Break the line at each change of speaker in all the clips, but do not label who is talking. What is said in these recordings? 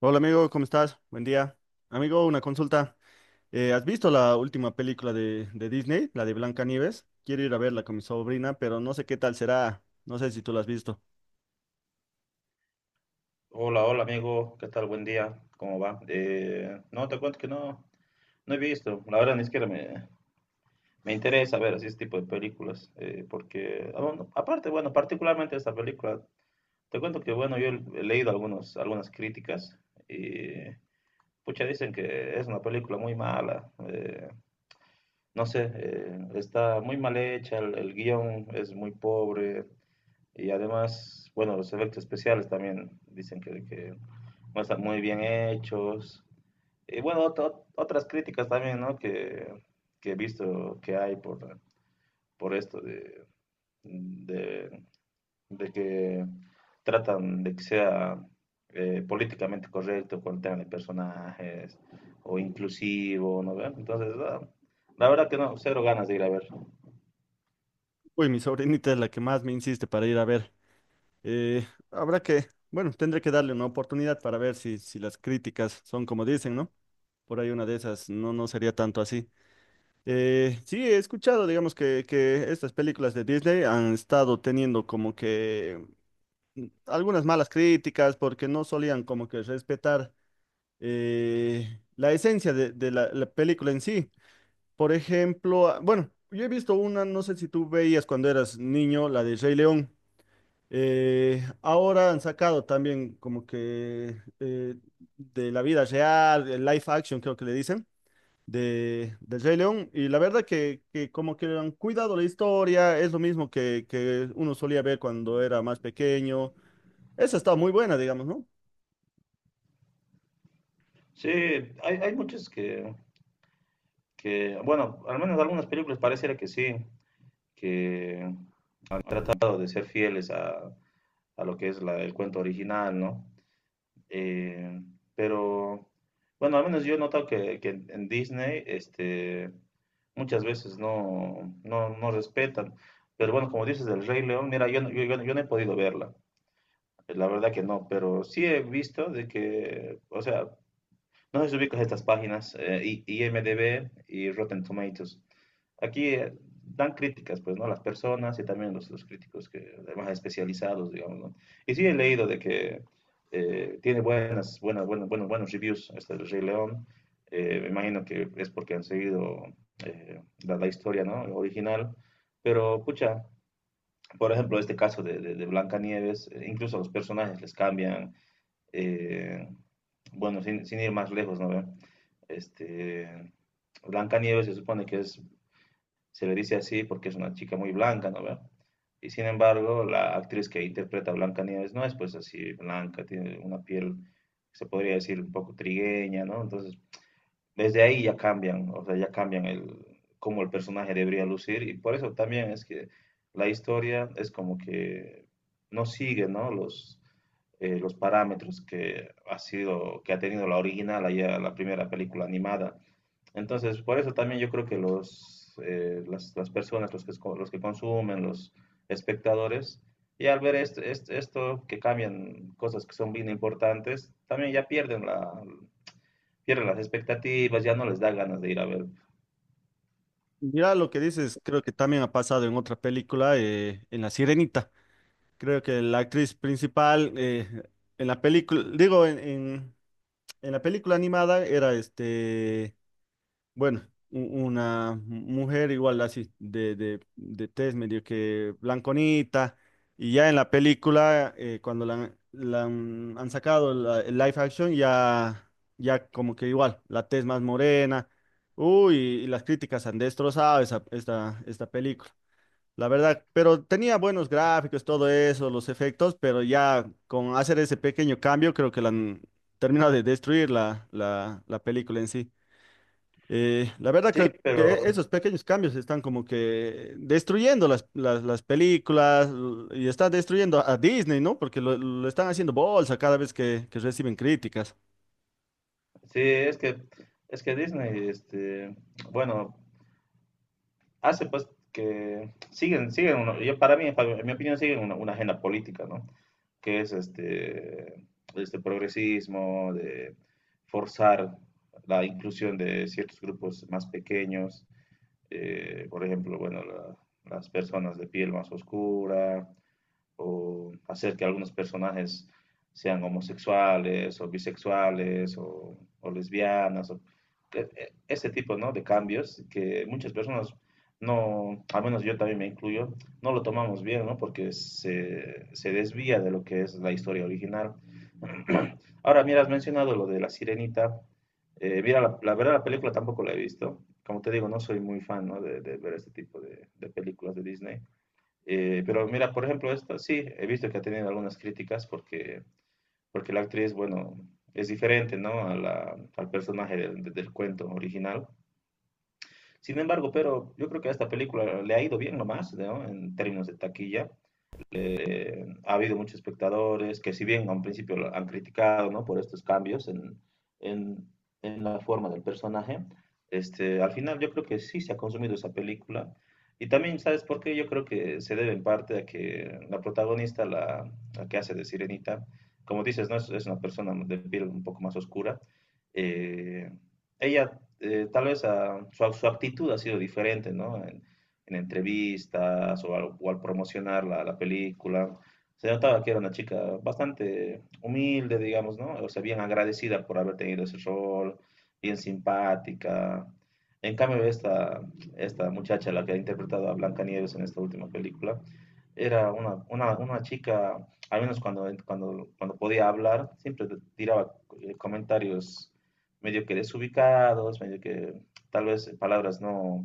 Hola amigo, ¿cómo estás? Buen día. Amigo, una consulta. ¿Has visto la última película de Disney, la de Blancanieves? Quiero ir a verla con mi sobrina, pero no sé qué tal será. No sé si tú la has visto.
Hola, hola amigo, ¿qué tal? Buen día, ¿cómo va? No, te cuento que no he visto, la verdad ni siquiera me interesa ver así este tipo de películas, porque, ah, bueno, aparte, bueno, particularmente esta película, te cuento que, bueno, yo he leído algunas críticas y, pucha, dicen que es una película muy mala, no sé, está muy mal hecha, el guión es muy pobre, y además, bueno, los efectos especiales también dicen que no están muy bien hechos. Y bueno, otras críticas también, ¿no? Que he visto que hay por esto de, de que tratan de que sea políticamente correcto con el tema de personajes o inclusivo, ¿no ve? Entonces, ah, la verdad que no, cero ganas de ir a ver.
Uy, mi sobrinita es la que más me insiste para ir a ver. Bueno, tendré que darle una oportunidad para ver si las críticas son como dicen, ¿no? Por ahí una de esas no, no sería tanto así. Sí, he escuchado, digamos, que estas películas de Disney han estado teniendo como que algunas malas críticas porque no solían como que respetar la esencia de la película en sí. Por ejemplo, ah, bueno, yo he visto una, no sé si tú veías cuando eras niño, la de Rey León. Ahora han sacado también como que de la vida real, el live action creo que le dicen, de Rey León. Y la verdad que como que han cuidado la historia, es lo mismo que uno solía ver cuando era más pequeño. Esa está muy buena, digamos, ¿no?
Sí, hay muchas que, bueno, al menos algunas películas pareciera que sí, que han tratado de ser fieles a lo que es el cuento original, ¿no? Eh, pero, bueno, al menos yo he notado que en Disney, este, muchas veces no respetan. Pero bueno, como dices del Rey León, mira, yo no he podido verla, la verdad que no, pero sí he visto de que, o sea, no sé si ubicas estas páginas, IMDb y Rotten Tomatoes. Aquí dan críticas, pues, ¿no? Las personas y también los críticos que, más especializados, digamos, ¿no? Y sí he leído de que tiene buenos reviews este del Rey León. Me imagino que es porque han seguido la, la historia, ¿no? Original. Pero, pucha, por ejemplo, este caso de Blancanieves, incluso a los personajes les cambian, eh, bueno, sin ir más lejos, ¿no ve? Este, Blancanieves se supone que es, se le dice así porque es una chica muy blanca, ¿no ve? Y sin embargo, la actriz que interpreta a Blancanieves no es pues así blanca, tiene una piel, se podría decir, un poco trigueña, ¿no? Entonces, desde ahí ya cambian, o sea, ya cambian el, cómo el personaje debería lucir y por eso también es que la historia es como que no sigue, ¿no? Los parámetros que ha sido, que ha tenido la original, allá la primera película animada. Entonces, por eso también yo creo que los, las personas, los que consumen, los espectadores, y al ver esto, que cambian cosas que son bien importantes, también ya pierden, la, pierden las expectativas, ya no les da ganas de ir a ver.
Mira lo que dices, creo que también ha pasado en otra película, en La Sirenita. Creo que la actriz principal en la película, digo, en la película animada era este. Bueno, u- una mujer igual así, de tez medio que blanconita, y ya en la película, cuando han sacado el live action, ya, ya como que igual, la tez más morena, uy, y las críticas han destrozado esta película, la verdad, pero tenía buenos gráficos, todo eso, los efectos, pero ya con hacer ese pequeño cambio, creo que la han terminado de destruir la película en sí. La verdad
Sí,
creo que
pero
esos pequeños cambios están como que destruyendo las películas y están destruyendo a Disney, ¿no? Porque lo están haciendo bolsa cada vez que reciben críticas.
sí, es que Disney, este, bueno, hace pues que siguen, uno- yo para mí, para- en mi opinión, siguen una agenda política, ¿no? Que es este, este progresismo, de forzar la inclusión de ciertos grupos más pequeños, por ejemplo, bueno, la, las personas de piel más oscura, o hacer que algunos personajes sean homosexuales o bisexuales o lesbianas, o, ese tipo ¿no? de cambios que muchas personas no, al menos yo también me incluyo, no lo tomamos bien, ¿no? Porque se desvía de lo que es la historia original. Ahora, mira, has mencionado lo de la sirenita. Mira, verdad la película tampoco la he visto. Como te digo, no soy muy fan ¿no? Ver este tipo de películas de Disney. Pero mira, por ejemplo, esta sí, he visto que ha tenido algunas críticas porque la actriz, bueno, es diferente, ¿no? Al personaje del cuento original. Sin embargo, pero yo creo que a esta película le ha ido bien nomás, ¿no? En términos de taquilla ha habido muchos espectadores que si bien a un principio lo han criticado ¿no? por estos cambios en, la forma del personaje, este, al final yo creo que sí se ha consumido esa película. Y también, ¿sabes por qué? Yo creo que se debe en parte a que la protagonista, la que hace de Sirenita, como dices, ¿no? Es una persona de piel un poco más oscura. Eh, ella, tal vez a, su actitud ha sido diferente, ¿no? En entrevistas o al promocionar la, la película. Se notaba que era una chica bastante humilde, digamos, ¿no? O sea, bien agradecida por haber tenido ese rol, bien simpática. En cambio, esta muchacha, la que ha interpretado a Blancanieves en esta última película, era una chica, al menos cuando podía hablar, siempre tiraba comentarios medio que desubicados, medio que tal vez palabras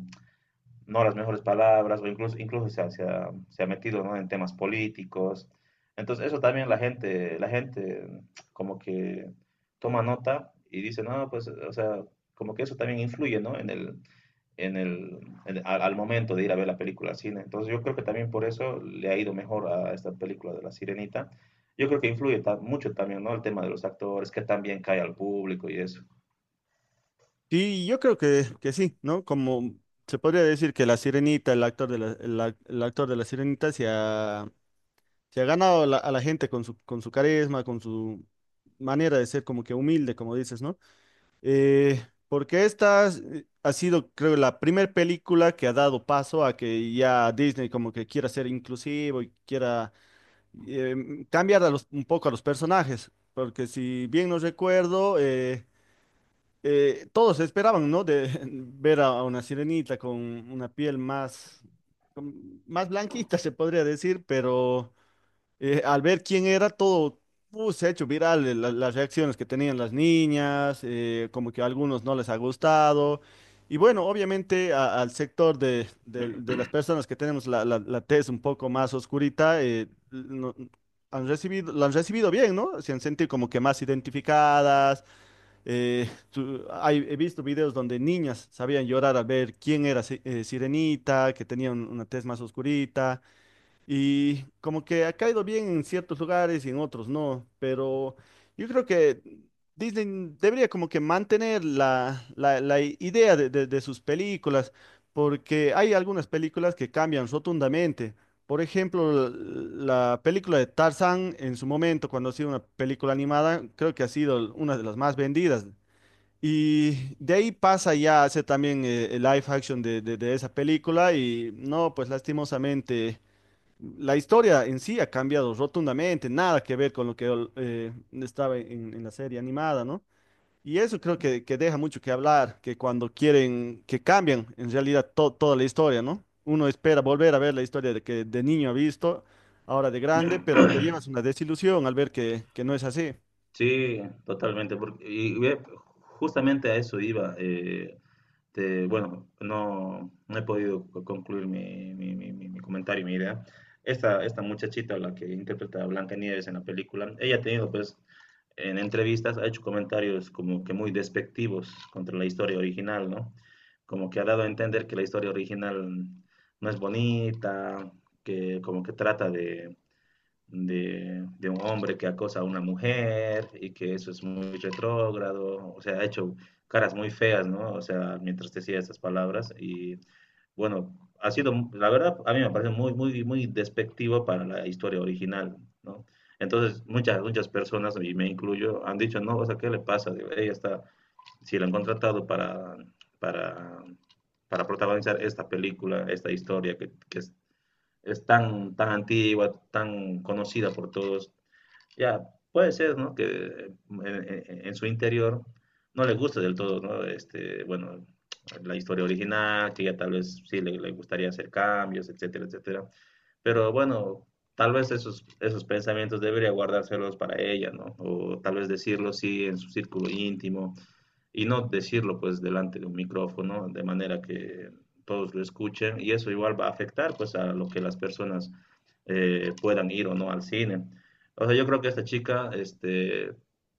no las mejores palabras, o incluso se ha metido, ¿no? En temas políticos. Entonces, eso también la gente como que toma nota y dice, no, pues, o sea, como que eso también influye, ¿no? en el, en el, en- al, al momento de ir a ver la película al cine. Entonces, yo creo que también por eso le ha ido mejor a esta película de La Sirenita. Yo creo que influye mucho también, ¿no? El tema de los actores, que también cae al público y eso.
Sí, yo creo que sí, ¿no? Como se podría decir que la Sirenita, el actor de la, el actor de la Sirenita se ha ganado a la gente con su carisma, con su manera de ser como que humilde, como dices, ¿no? Porque ha sido, creo, la primera película que ha dado paso a que ya Disney como que quiera ser inclusivo y quiera cambiar a un poco a los personajes. Porque si bien no recuerdo, todos esperaban, ¿no? De ver a una sirenita con una piel más, más blanquita, se podría decir, pero al ver quién era todo, se ha hecho viral las reacciones que tenían las niñas, como que a algunos no les ha gustado. Y bueno, obviamente al sector de las personas que tenemos la tez un poco más oscurita, han recibido, la han recibido bien, ¿no? Se han sentido como que más identificadas. Tu- hay- he visto videos donde niñas sabían llorar al ver quién era Sirenita, que tenía una tez más oscurita. Y como que ha caído bien en ciertos lugares y en otros no, pero yo creo que Disney debería como que mantener la idea de sus películas, porque hay algunas películas que cambian rotundamente. Por ejemplo, la película de Tarzán en su momento, cuando ha sido una película animada, creo que ha sido una de las más vendidas. Y de ahí pasa ya a hacer también el live action de esa película y no, pues lastimosamente. La historia en sí ha cambiado rotundamente, nada que ver con lo que estaba en la serie animada, ¿no? Y eso creo que deja mucho que hablar, que cuando quieren que cambian en realidad toda la historia, ¿no? Uno espera volver a ver la historia de que de niño ha visto, ahora de grande, pero te llevas una desilusión al ver que no es así.
Sí, totalmente, porque justamente a eso iba. Eh, te- bueno, no, no he podido concluir mi comentario y mi idea. Esta muchachita, la que interpreta a Blancanieves en la película, ella ha tenido, pues, en entrevistas, ha hecho comentarios como que muy despectivos contra la historia original, ¿no? Como que ha dado a entender que la historia original no es bonita, que como que trata de un hombre que acosa a una mujer y que eso es muy retrógrado, o sea, ha hecho caras muy feas, ¿no? O sea, mientras decía esas palabras y bueno, ha sido, la verdad, a mí me parece muy despectivo para la historia original, ¿no? Entonces, muchas personas, y me incluyo, han dicho, no, o sea, ¿qué le pasa? Digo, ella está, si la han contratado para, para protagonizar esta película, esta historia que es tan, tan antigua, tan conocida por todos. Ya, puede ser, ¿no? Que en, en su interior no le guste del todo, ¿no? Este, bueno, la historia original, que ya tal vez sí le gustaría hacer cambios, etcétera, etcétera. Pero bueno, tal vez esos pensamientos debería guardárselos para ella, ¿no? O tal vez decirlo sí en su círculo íntimo, y no decirlo pues delante de un micrófono de manera que todos lo escuchen y eso igual va a afectar pues a lo que las personas puedan ir o no al cine. O sea, yo creo que esta chica este,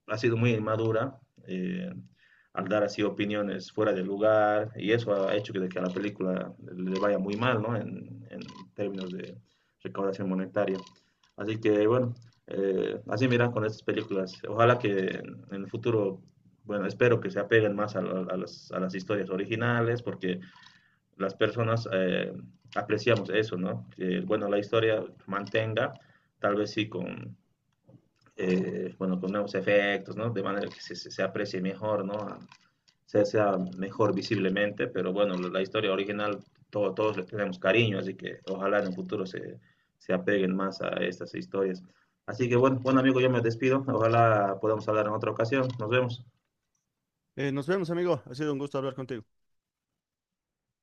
ha sido muy inmadura eh, al dar así opiniones fuera del lugar y eso ha hecho que, de que a la película le vaya muy mal ¿no? En términos de recaudación monetaria. Así que bueno, así miran con estas películas. Ojalá que en el futuro bueno, espero que se apeguen más a, las, a las historias originales, porque las personas apreciamos eso, ¿no? Que, bueno, la historia mantenga, tal vez sí con, bueno, con nuevos efectos, ¿no? De manera que se aprecie mejor, ¿no? Se sea mejor visiblemente, pero bueno, la historia original todo, todos le tenemos cariño, así que ojalá en el futuro se apeguen más a estas historias. Así que bueno, bueno amigo, yo me despido. Ojalá podamos hablar en otra ocasión. Nos vemos.
Nos vemos, amigo. Ha sido un gusto hablar contigo.